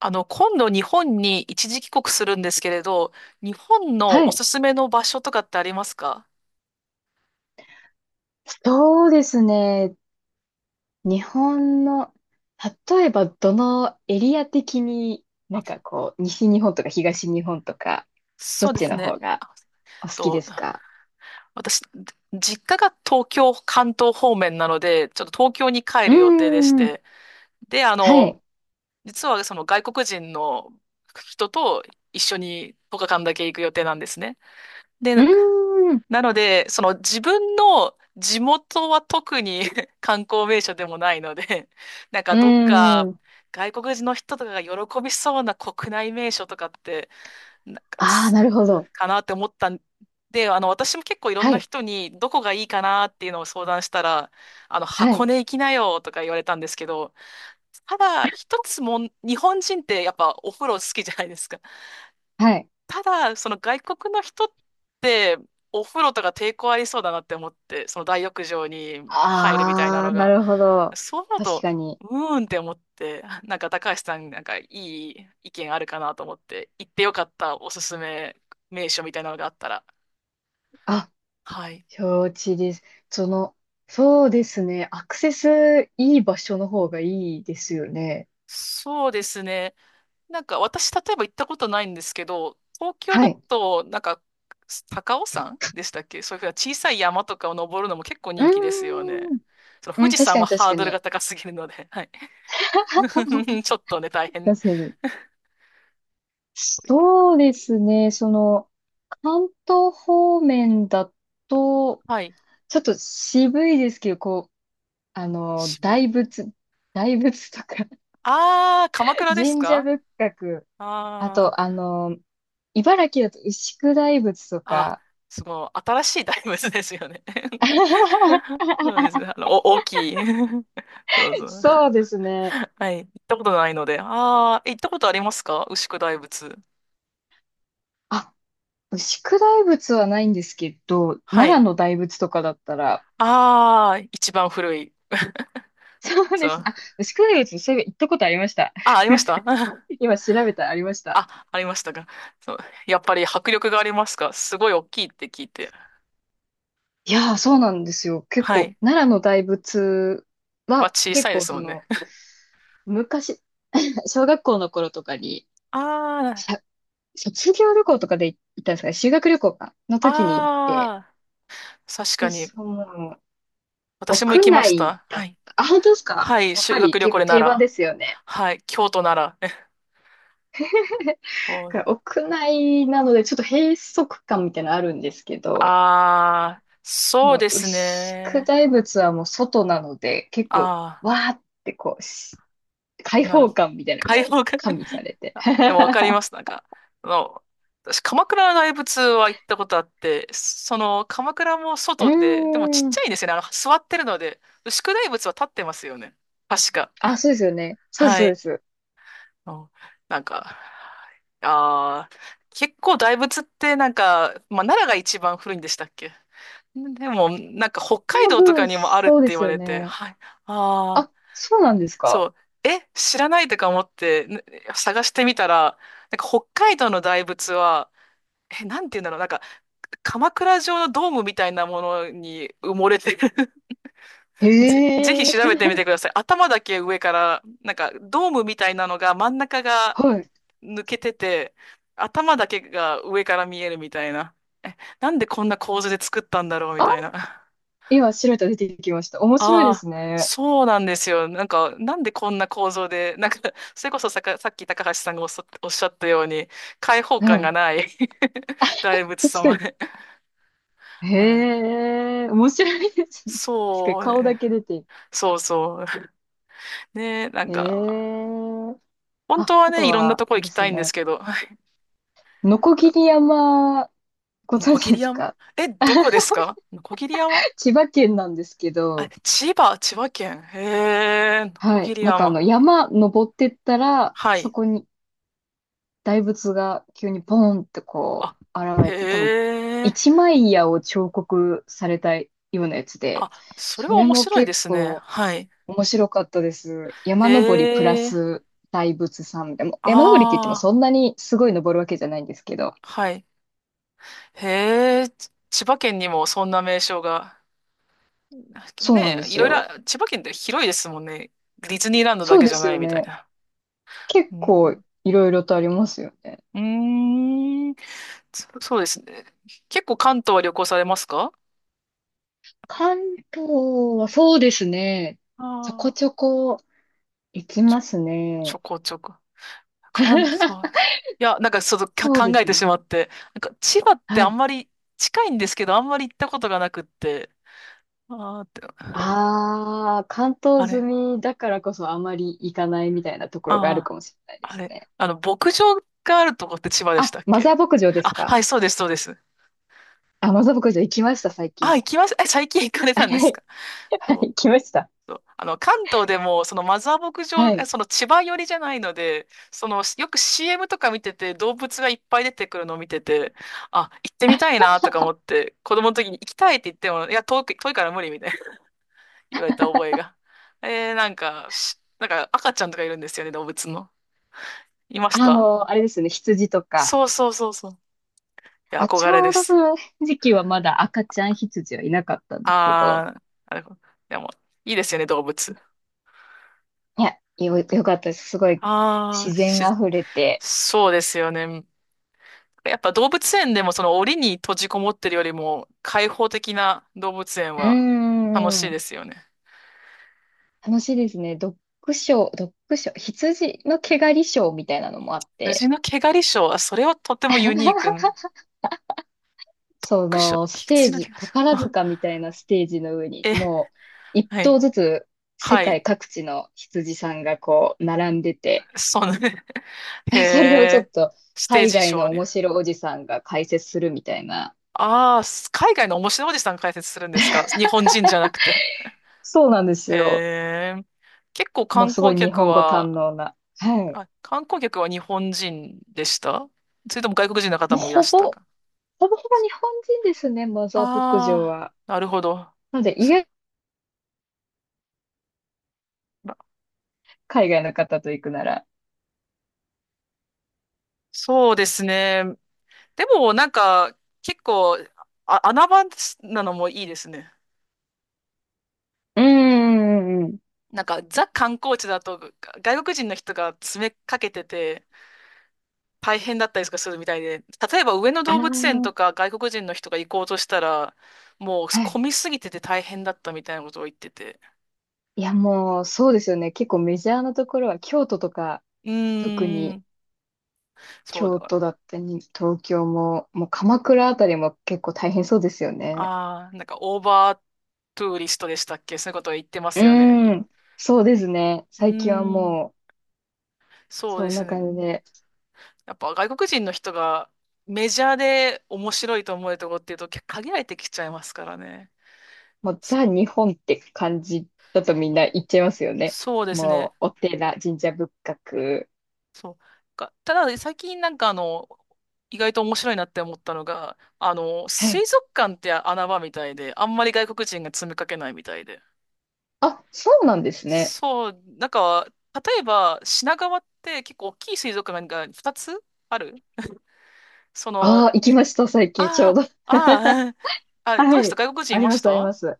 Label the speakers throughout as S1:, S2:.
S1: 今度日本に一時帰国するんですけれど、日本
S2: は
S1: のお
S2: い。
S1: すすめの場所とかってありますか？
S2: そうですね。日本の、例えばどのエリア的に
S1: あ、
S2: こう、西日本とか東日本とか、ど
S1: そう
S2: っ
S1: で
S2: ち
S1: す
S2: の
S1: ね。
S2: 方が
S1: あえ
S2: お好
S1: っ
S2: きで
S1: と、
S2: すか？
S1: 私、実家が東京、関東方面なので、ちょっと東京に帰
S2: うー
S1: る予定でし
S2: ん。
S1: て。で、
S2: はい。
S1: 実はその外国人の人と一緒に1日間だけ行く予定なんですね。
S2: う
S1: で、
S2: ーん。
S1: なので、その自分の地元は特に 観光名所でもないので、
S2: うー
S1: どっか
S2: ん。
S1: 外国人の人とかが喜びそうな国内名所とかって、なんか
S2: ああ、
S1: つ、
S2: なるほど。
S1: かなって思ったんで、私も結構いろん
S2: は
S1: な
S2: い。
S1: 人にどこがいいかなっていうのを相談したら、
S2: は
S1: 箱
S2: い。
S1: 根行きなよとか言われたんですけど、ただ一つもん、日本人ってやっぱお風呂好きじゃないですか。
S2: はい。
S1: ただ、その外国の人って、お風呂とか抵抗ありそうだなって思って、その大浴場に入るみたいな
S2: ああ、
S1: の
S2: な
S1: が、
S2: るほど。
S1: そう思う
S2: 確
S1: と、
S2: かに。
S1: うーんって思って、高橋さん、なんかいい意見あるかなと思って、行ってよかったおすすめ名所みたいなのがあったら。
S2: あ、
S1: はい。
S2: 承知です。その、そうですね。アクセスいい場所の方がいいですよね。
S1: そうですね。なんか私、例えば行ったことないんですけど、東京
S2: は
S1: だ
S2: い。
S1: と、高尾山でしたっけ？そういうふうな小さい山とかを登るのも結構
S2: う
S1: 人気ですよね。
S2: ーん。
S1: その
S2: う
S1: 富
S2: ん、
S1: 士
S2: 確
S1: 山
S2: か
S1: は
S2: に、確
S1: ハー
S2: か
S1: ドル
S2: に。
S1: が高すぎるので、はい。ちょっとね、大変。
S2: 確かに。そうですね。関東方面だと、
S1: はい。
S2: ちょっと渋いですけど、こう、あの、
S1: 渋
S2: 大
S1: い。
S2: 仏、大仏とか、
S1: あー、鎌 倉です
S2: 神社
S1: か？
S2: 仏閣、あ
S1: あー、
S2: と、茨城だと牛久大仏と
S1: あ、
S2: か。
S1: すごい、新しい大仏ですよね。そうですね。あの、お、大きい。どうぞ。
S2: そうですね。
S1: はい。行ったことないので。あー、行ったことありますか？牛久大仏。
S2: あ、牛久大仏はないんですけど、
S1: は
S2: 奈良
S1: い。
S2: の大仏とかだったら。
S1: ああ、一番古い。
S2: そう
S1: そ
S2: ですね。
S1: う。
S2: あ、牛久大仏、そういえば行ったことありました。
S1: あ、あ
S2: すい
S1: りま
S2: ま
S1: し
S2: せ
S1: た。
S2: ん。今調べたらありました。
S1: あ、ありましたか。そう。やっぱり迫力がありますか？すごい大きいって聞いて。
S2: いやー、そうなんですよ。結
S1: は
S2: 構、
S1: い。
S2: 奈良の大仏
S1: まあ、
S2: は、
S1: 小さ
S2: 結
S1: いで
S2: 構
S1: すもんね。
S2: 昔、小学校の頃とかに、
S1: あ
S2: しゃ卒業旅行とかで行ったんですかね、修学旅行か、の
S1: あ、
S2: 時に行って、
S1: ああ、確か
S2: で、
S1: に。私も行
S2: 屋
S1: きまし
S2: 内
S1: た。
S2: だ
S1: は
S2: っ
S1: い。
S2: た。あ、本当ですか？
S1: はい、
S2: やっぱ
S1: 修
S2: り
S1: 学旅
S2: 結
S1: 行
S2: 構
S1: で
S2: 定番
S1: 奈
S2: で
S1: 良。
S2: すよね。
S1: はい、京都奈良。お、
S2: だから屋内なので、ちょっと閉塞感みたいなのあるんですけど、
S1: ああ、
S2: あ
S1: そう
S2: の、
S1: です
S2: 牛久
S1: ね。
S2: 大仏はもう外なので、結構、
S1: ああ、
S2: わーってこう、開
S1: なる
S2: 放
S1: ほど。
S2: 感みたいなの
S1: 開
S2: も
S1: 放感。
S2: 加味されて。
S1: あ、 でもわかります。なんか、あの、私、鎌倉の大仏は行ったことあって、その、鎌倉も
S2: う
S1: 外で、でもち
S2: ー
S1: っ
S2: ん。
S1: ちゃいんですよね。あの、座ってるので、牛久大仏は立ってますよね。確か。
S2: あ、そうですよね。そうです、
S1: は
S2: そうで
S1: い。
S2: す。
S1: うん、なんか、ああ、結構大仏ってなんか、まあ、奈良が一番古いんでしたっけ？でも、なんか北海
S2: 多
S1: 道とか
S2: 分、
S1: にもあるって
S2: そうで
S1: 言
S2: す
S1: わ
S2: よ
S1: れて、
S2: ね。
S1: はい。ああ。
S2: あ、そうなんです
S1: そ
S2: か。
S1: う。え、知らないとか思って、ね、探してみたら、なんか北海道の大仏は、え、なんて言うんだろう、なんか、鎌倉城のドームみたいなものに埋もれてる。
S2: へ
S1: ぜひ調
S2: え。
S1: べてみてください。頭だけ上から、なんか、ドームみたいなのが真ん中が
S2: はい。
S1: 抜けてて、頭だけが上から見えるみたいな。え、なんでこんな構図で作ったんだろうみ
S2: あ、
S1: たいな。
S2: 今、白いと出てきました。面白いで
S1: ああ、
S2: すね。
S1: そうなんですよ。なんか、なんでこんな構造で、なんか、それこそさっき高橋さんがおっしゃったように、開放
S2: は
S1: 感
S2: い。
S1: がない。 大仏
S2: 確か
S1: 様
S2: に。
S1: で。はい。
S2: へえ、面白いですね。確かに
S1: そう
S2: 顔だ
S1: ね、
S2: け出て。
S1: そうそう。ね、なん
S2: へ
S1: か、
S2: え。
S1: 本
S2: あ、
S1: 当は
S2: あ
S1: ね、
S2: と
S1: いろんな
S2: は、
S1: とこ
S2: あれ
S1: 行
S2: で
S1: き
S2: す
S1: たいんです
S2: ね。
S1: けど、
S2: のこぎり 山、ご
S1: のこ
S2: 存
S1: ぎ
S2: 知で
S1: り
S2: す
S1: 山。
S2: か？
S1: え、どこですか？のこぎり山。
S2: 千葉県なんですけ
S1: あ、
S2: ど、
S1: 千葉、千葉県。へえ、のこ
S2: は
S1: ぎ
S2: い。
S1: り
S2: なんかあの、
S1: 山。
S2: 山登ってったら、
S1: は
S2: そ
S1: い。
S2: こに大仏が急にポーンってこ
S1: あ、
S2: う、現れて、多分、
S1: へえ。
S2: 一枚岩を彫刻されたようなやつで、
S1: あ、それ
S2: そ
S1: は
S2: れ
S1: 面
S2: も
S1: 白いで
S2: 結
S1: すね。
S2: 構
S1: はい。
S2: 面白かったです。山登りプラ
S1: へえ、
S2: ス大仏さん。でも、山登りって言っても
S1: あ
S2: そ
S1: あ、
S2: んなにすごい登るわけじゃないんですけど、
S1: はい。へえ、千葉県にもそんな名称が、
S2: そうなん
S1: ね
S2: で
S1: え、い
S2: す
S1: ろいろ、
S2: よ。
S1: 千葉県って広いですもんね。ディズニーランドだ
S2: そう
S1: け
S2: で
S1: じゃ
S2: す
S1: な
S2: よ
S1: いみたい
S2: ね。
S1: な。
S2: 結
S1: う
S2: 構
S1: ん、
S2: いろいろとありますよね。
S1: うーん、そうですね。結構関東は旅行されますか？
S2: 関東はそうですね。ちょこ
S1: ああ、
S2: ちょこ行き
S1: ちょ、
S2: ます
S1: ち
S2: ね。
S1: ょこちょこ。関東で す。いや、なんかちょっとか
S2: そうで
S1: 考え
S2: す
S1: てし
S2: ね。
S1: まって。なんか千葉って
S2: は
S1: あん
S2: い。
S1: まり近いんですけど、あんまり行ったことがなくって。ああって、
S2: ああ、関
S1: あ
S2: 東済
S1: れ。
S2: みだからこそあまり行かないみたいなところがあ
S1: あ
S2: る
S1: あ。
S2: かもしれないで
S1: あ
S2: す
S1: れ、
S2: ね。
S1: あの、牧場があるとこって千葉でし
S2: あ、
S1: たっ
S2: マ
S1: け？
S2: ザー牧場で
S1: あ、
S2: すか？
S1: はい、そうです、そうです。
S2: あ、マザー牧場行きました、最
S1: あ、
S2: 近。
S1: 行きました。え、最近行かれ
S2: は
S1: た
S2: い。
S1: んですか？
S2: はい、
S1: そう、
S2: 行きました。
S1: そう。あの、関東でも、そのマザー牧
S2: は
S1: 場、え、
S2: い。
S1: その千葉寄りじゃないので、その、よく CM とか見てて、動物がいっぱい出てくるのを見てて、あ、行ってみたいなとか思って、子供の時に行きたいって言っても、いや、遠いから無理みたいな。 言われた覚えが。えー、なんか、なんか赤ちゃんとかいるんですよね、動物の。いまし
S2: あ
S1: た？
S2: の、あれですね、羊とか。
S1: そうそうそうそう。いや、
S2: あ、ち
S1: 憧れ
S2: ょ
S1: で
S2: うどそ
S1: す。
S2: の時期はまだ赤ちゃん羊はいなかったんですけど。
S1: ああ、なるほど。でも、いいですよね、動物。
S2: いや、よかったです。すごい
S1: あ
S2: 自
S1: あ、
S2: 然
S1: し、
S2: あふれて。
S1: そうですよね。やっぱ動物園でもその檻に閉じこもってるよりも開放的な動物園
S2: う
S1: は
S2: ー
S1: 楽しいで
S2: ん。
S1: すよね。
S2: 楽しいですね。ドッグショー、羊の毛刈りショーみたいなのもあっ
S1: 羊
S2: て、
S1: の毛刈りショーは、それはとてもユニー ク。
S2: そ
S1: クッション
S2: のステ
S1: 羊
S2: ー
S1: の毛
S2: ジ、
S1: 刈りショ
S2: 宝
S1: ー。あ、
S2: 塚みたいなステージの上に、
S1: え、
S2: もう一
S1: は
S2: 頭
S1: い。
S2: ずつ世
S1: はい。
S2: 界各地の羊さんがこう並んでて、
S1: そうね。へ
S2: それをちょっ
S1: え、
S2: と
S1: ステー
S2: 海
S1: ジシ
S2: 外
S1: ョー
S2: の面
S1: ね。
S2: 白おじさんが解説するみたいな。
S1: ああ、海外の面白いおじさん解説するんですか？日本人じゃなくて。
S2: そうなんです
S1: へ
S2: よ。
S1: え。結構
S2: もう
S1: 観
S2: すご
S1: 光
S2: い日
S1: 客
S2: 本語堪
S1: は、
S2: 能な。はい。
S1: あ、観光客は日本人でした？それとも外国人の方
S2: もう
S1: もいら
S2: ほ
S1: し
S2: ぼ、
S1: たか？
S2: ほぼほぼ日本人ですね、マザー牧場
S1: ああ
S2: は。
S1: ー、なるほど。
S2: なので意
S1: そ、
S2: 外、
S1: ま、
S2: 海外の方と行くなら。
S1: そうですね。でもなんか結構あ、穴場なのもいいですね。
S2: うん、うん、うん。
S1: なんかザ観光地だと外国人の人が詰めかけてて、大変だったりとかするみたいで、例えば上野
S2: あ
S1: 動物園
S2: あ、
S1: とか外国人の人が行こうとしたら、もう
S2: はい。
S1: 混みすぎてて大変だったみたいなことを言ってて。
S2: いや、もう、そうですよね。結構メジャーなところは、京都とか、
S1: う
S2: 特
S1: ー
S2: に
S1: ん、そうだ
S2: 京都
S1: な。
S2: だったり、東京も、もう鎌倉あたりも結構大変そうですよね。
S1: ああ、なんかオーバートゥーリストでしたっけ？そういうことを言ってま
S2: う
S1: すよね。
S2: ん。そうですね。
S1: うー
S2: 最近は
S1: ん、
S2: もう、
S1: そう
S2: そ
S1: で
S2: ん
S1: す
S2: な
S1: ね。
S2: 感じで、
S1: やっぱ外国人の人がメジャーで面白いと思えるところっていうと限られてきちゃいますからね。
S2: もう、
S1: そ、
S2: ザ・日本って感じだとみんな言っちゃいますよね。
S1: そうです
S2: も
S1: ね。
S2: う、お寺、神社仏閣。
S1: そう。か、ただ、最近なんかあの、意外と面白いなって思ったのが、あの、
S2: は
S1: 水
S2: い。
S1: 族館って穴場みたいで、あんまり外国人が詰めかけないみたいで。
S2: あ、そうなんですね。
S1: そう、なんか、例えば品川って結構大きい水族館が2つある、その、
S2: ああ、行き
S1: い、
S2: ました、最近ちょう
S1: あ
S2: ど。
S1: あ、ああ、あ、どうで
S2: は
S1: した？
S2: い。
S1: 外国人
S2: あ
S1: い
S2: り
S1: ま
S2: ま
S1: し
S2: す、あり
S1: た？
S2: ます。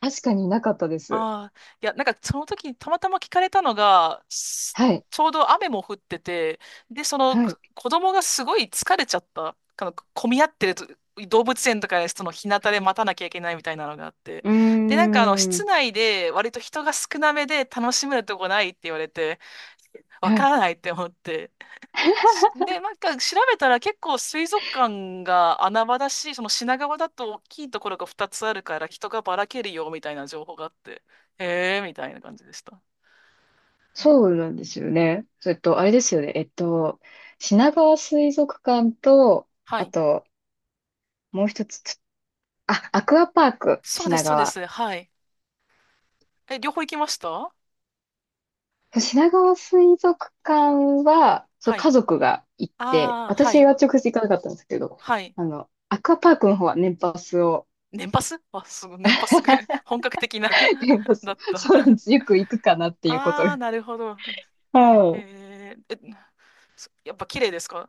S2: 確かになかったです。
S1: ああ、いや、なんかその時にたまたま聞かれたのが、す、
S2: はい。
S1: ちょうど雨も降ってて、で、その
S2: はい。
S1: 子供がすごい疲れちゃった。あの、混み合ってると動物園とかでその日向で待たなきゃいけないみたいなのがあって。
S2: うー
S1: で、なんかあの、室
S2: ん。
S1: 内で割と人が少なめで楽しめるとこないって言われて、わ
S2: は
S1: か
S2: い。
S1: らないって思って。で、なんか調べたら結構水族館が穴場だし、その品川だと大きいところが2つあるから人がばらけるよみたいな情報があって、へえーみたいな感じでした。うん、
S2: そうなんですよね。それと、あれですよね。えっと、品川水族館と、
S1: は
S2: あ
S1: い。
S2: と、もう一つ、つあ、アクアパーク、
S1: そうです、
S2: 品
S1: そうで
S2: 川。
S1: す。はい。え、両方行きました？
S2: 品川水族館は、そう、
S1: はい。
S2: 家族が行って、
S1: ああ、は
S2: 私
S1: い。
S2: は直接行かなかったんですけど、
S1: はい。
S2: あの、アクアパークの方は年パスを、
S1: 年パス、あ、すごい、年パスが。 本格的な。
S2: 年パ
S1: だ
S2: ス、
S1: った。
S2: そうなんです。よく行くかなっていうこと
S1: ああ、
S2: が。
S1: なるほど。
S2: はい、
S1: えー、え、そ、やっぱ綺麗ですか？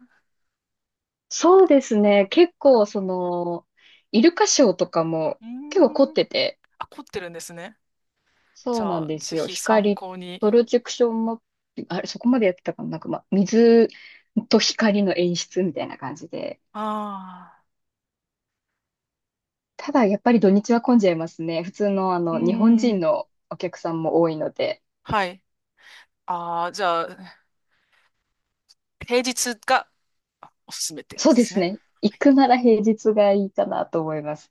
S2: そうですね。結構、その、イルカショーとかも
S1: うー
S2: 結構凝っ
S1: ん。
S2: てて、
S1: あ、凝ってるんですね。じ
S2: そう
S1: ゃ
S2: なん
S1: あ、
S2: です
S1: ぜ
S2: よ。
S1: ひ参
S2: 光、
S1: 考
S2: プ
S1: に。
S2: ロジェクションも、あれ、そこまでやってたかな。なんか、まあ、水と光の演出みたいな感じで。
S1: ああ、
S2: ただ、やっぱり土日は混んじゃいますね。普通の、あ
S1: うー
S2: の、日本人
S1: ん、
S2: のお客さんも多いので。
S1: はい。ああ、じゃあ、平日がおすすめって感
S2: そ
S1: じ
S2: う
S1: で
S2: で
S1: す
S2: す
S1: ね。
S2: ね。
S1: は
S2: 行
S1: い
S2: くなら平日がいいかなと思います。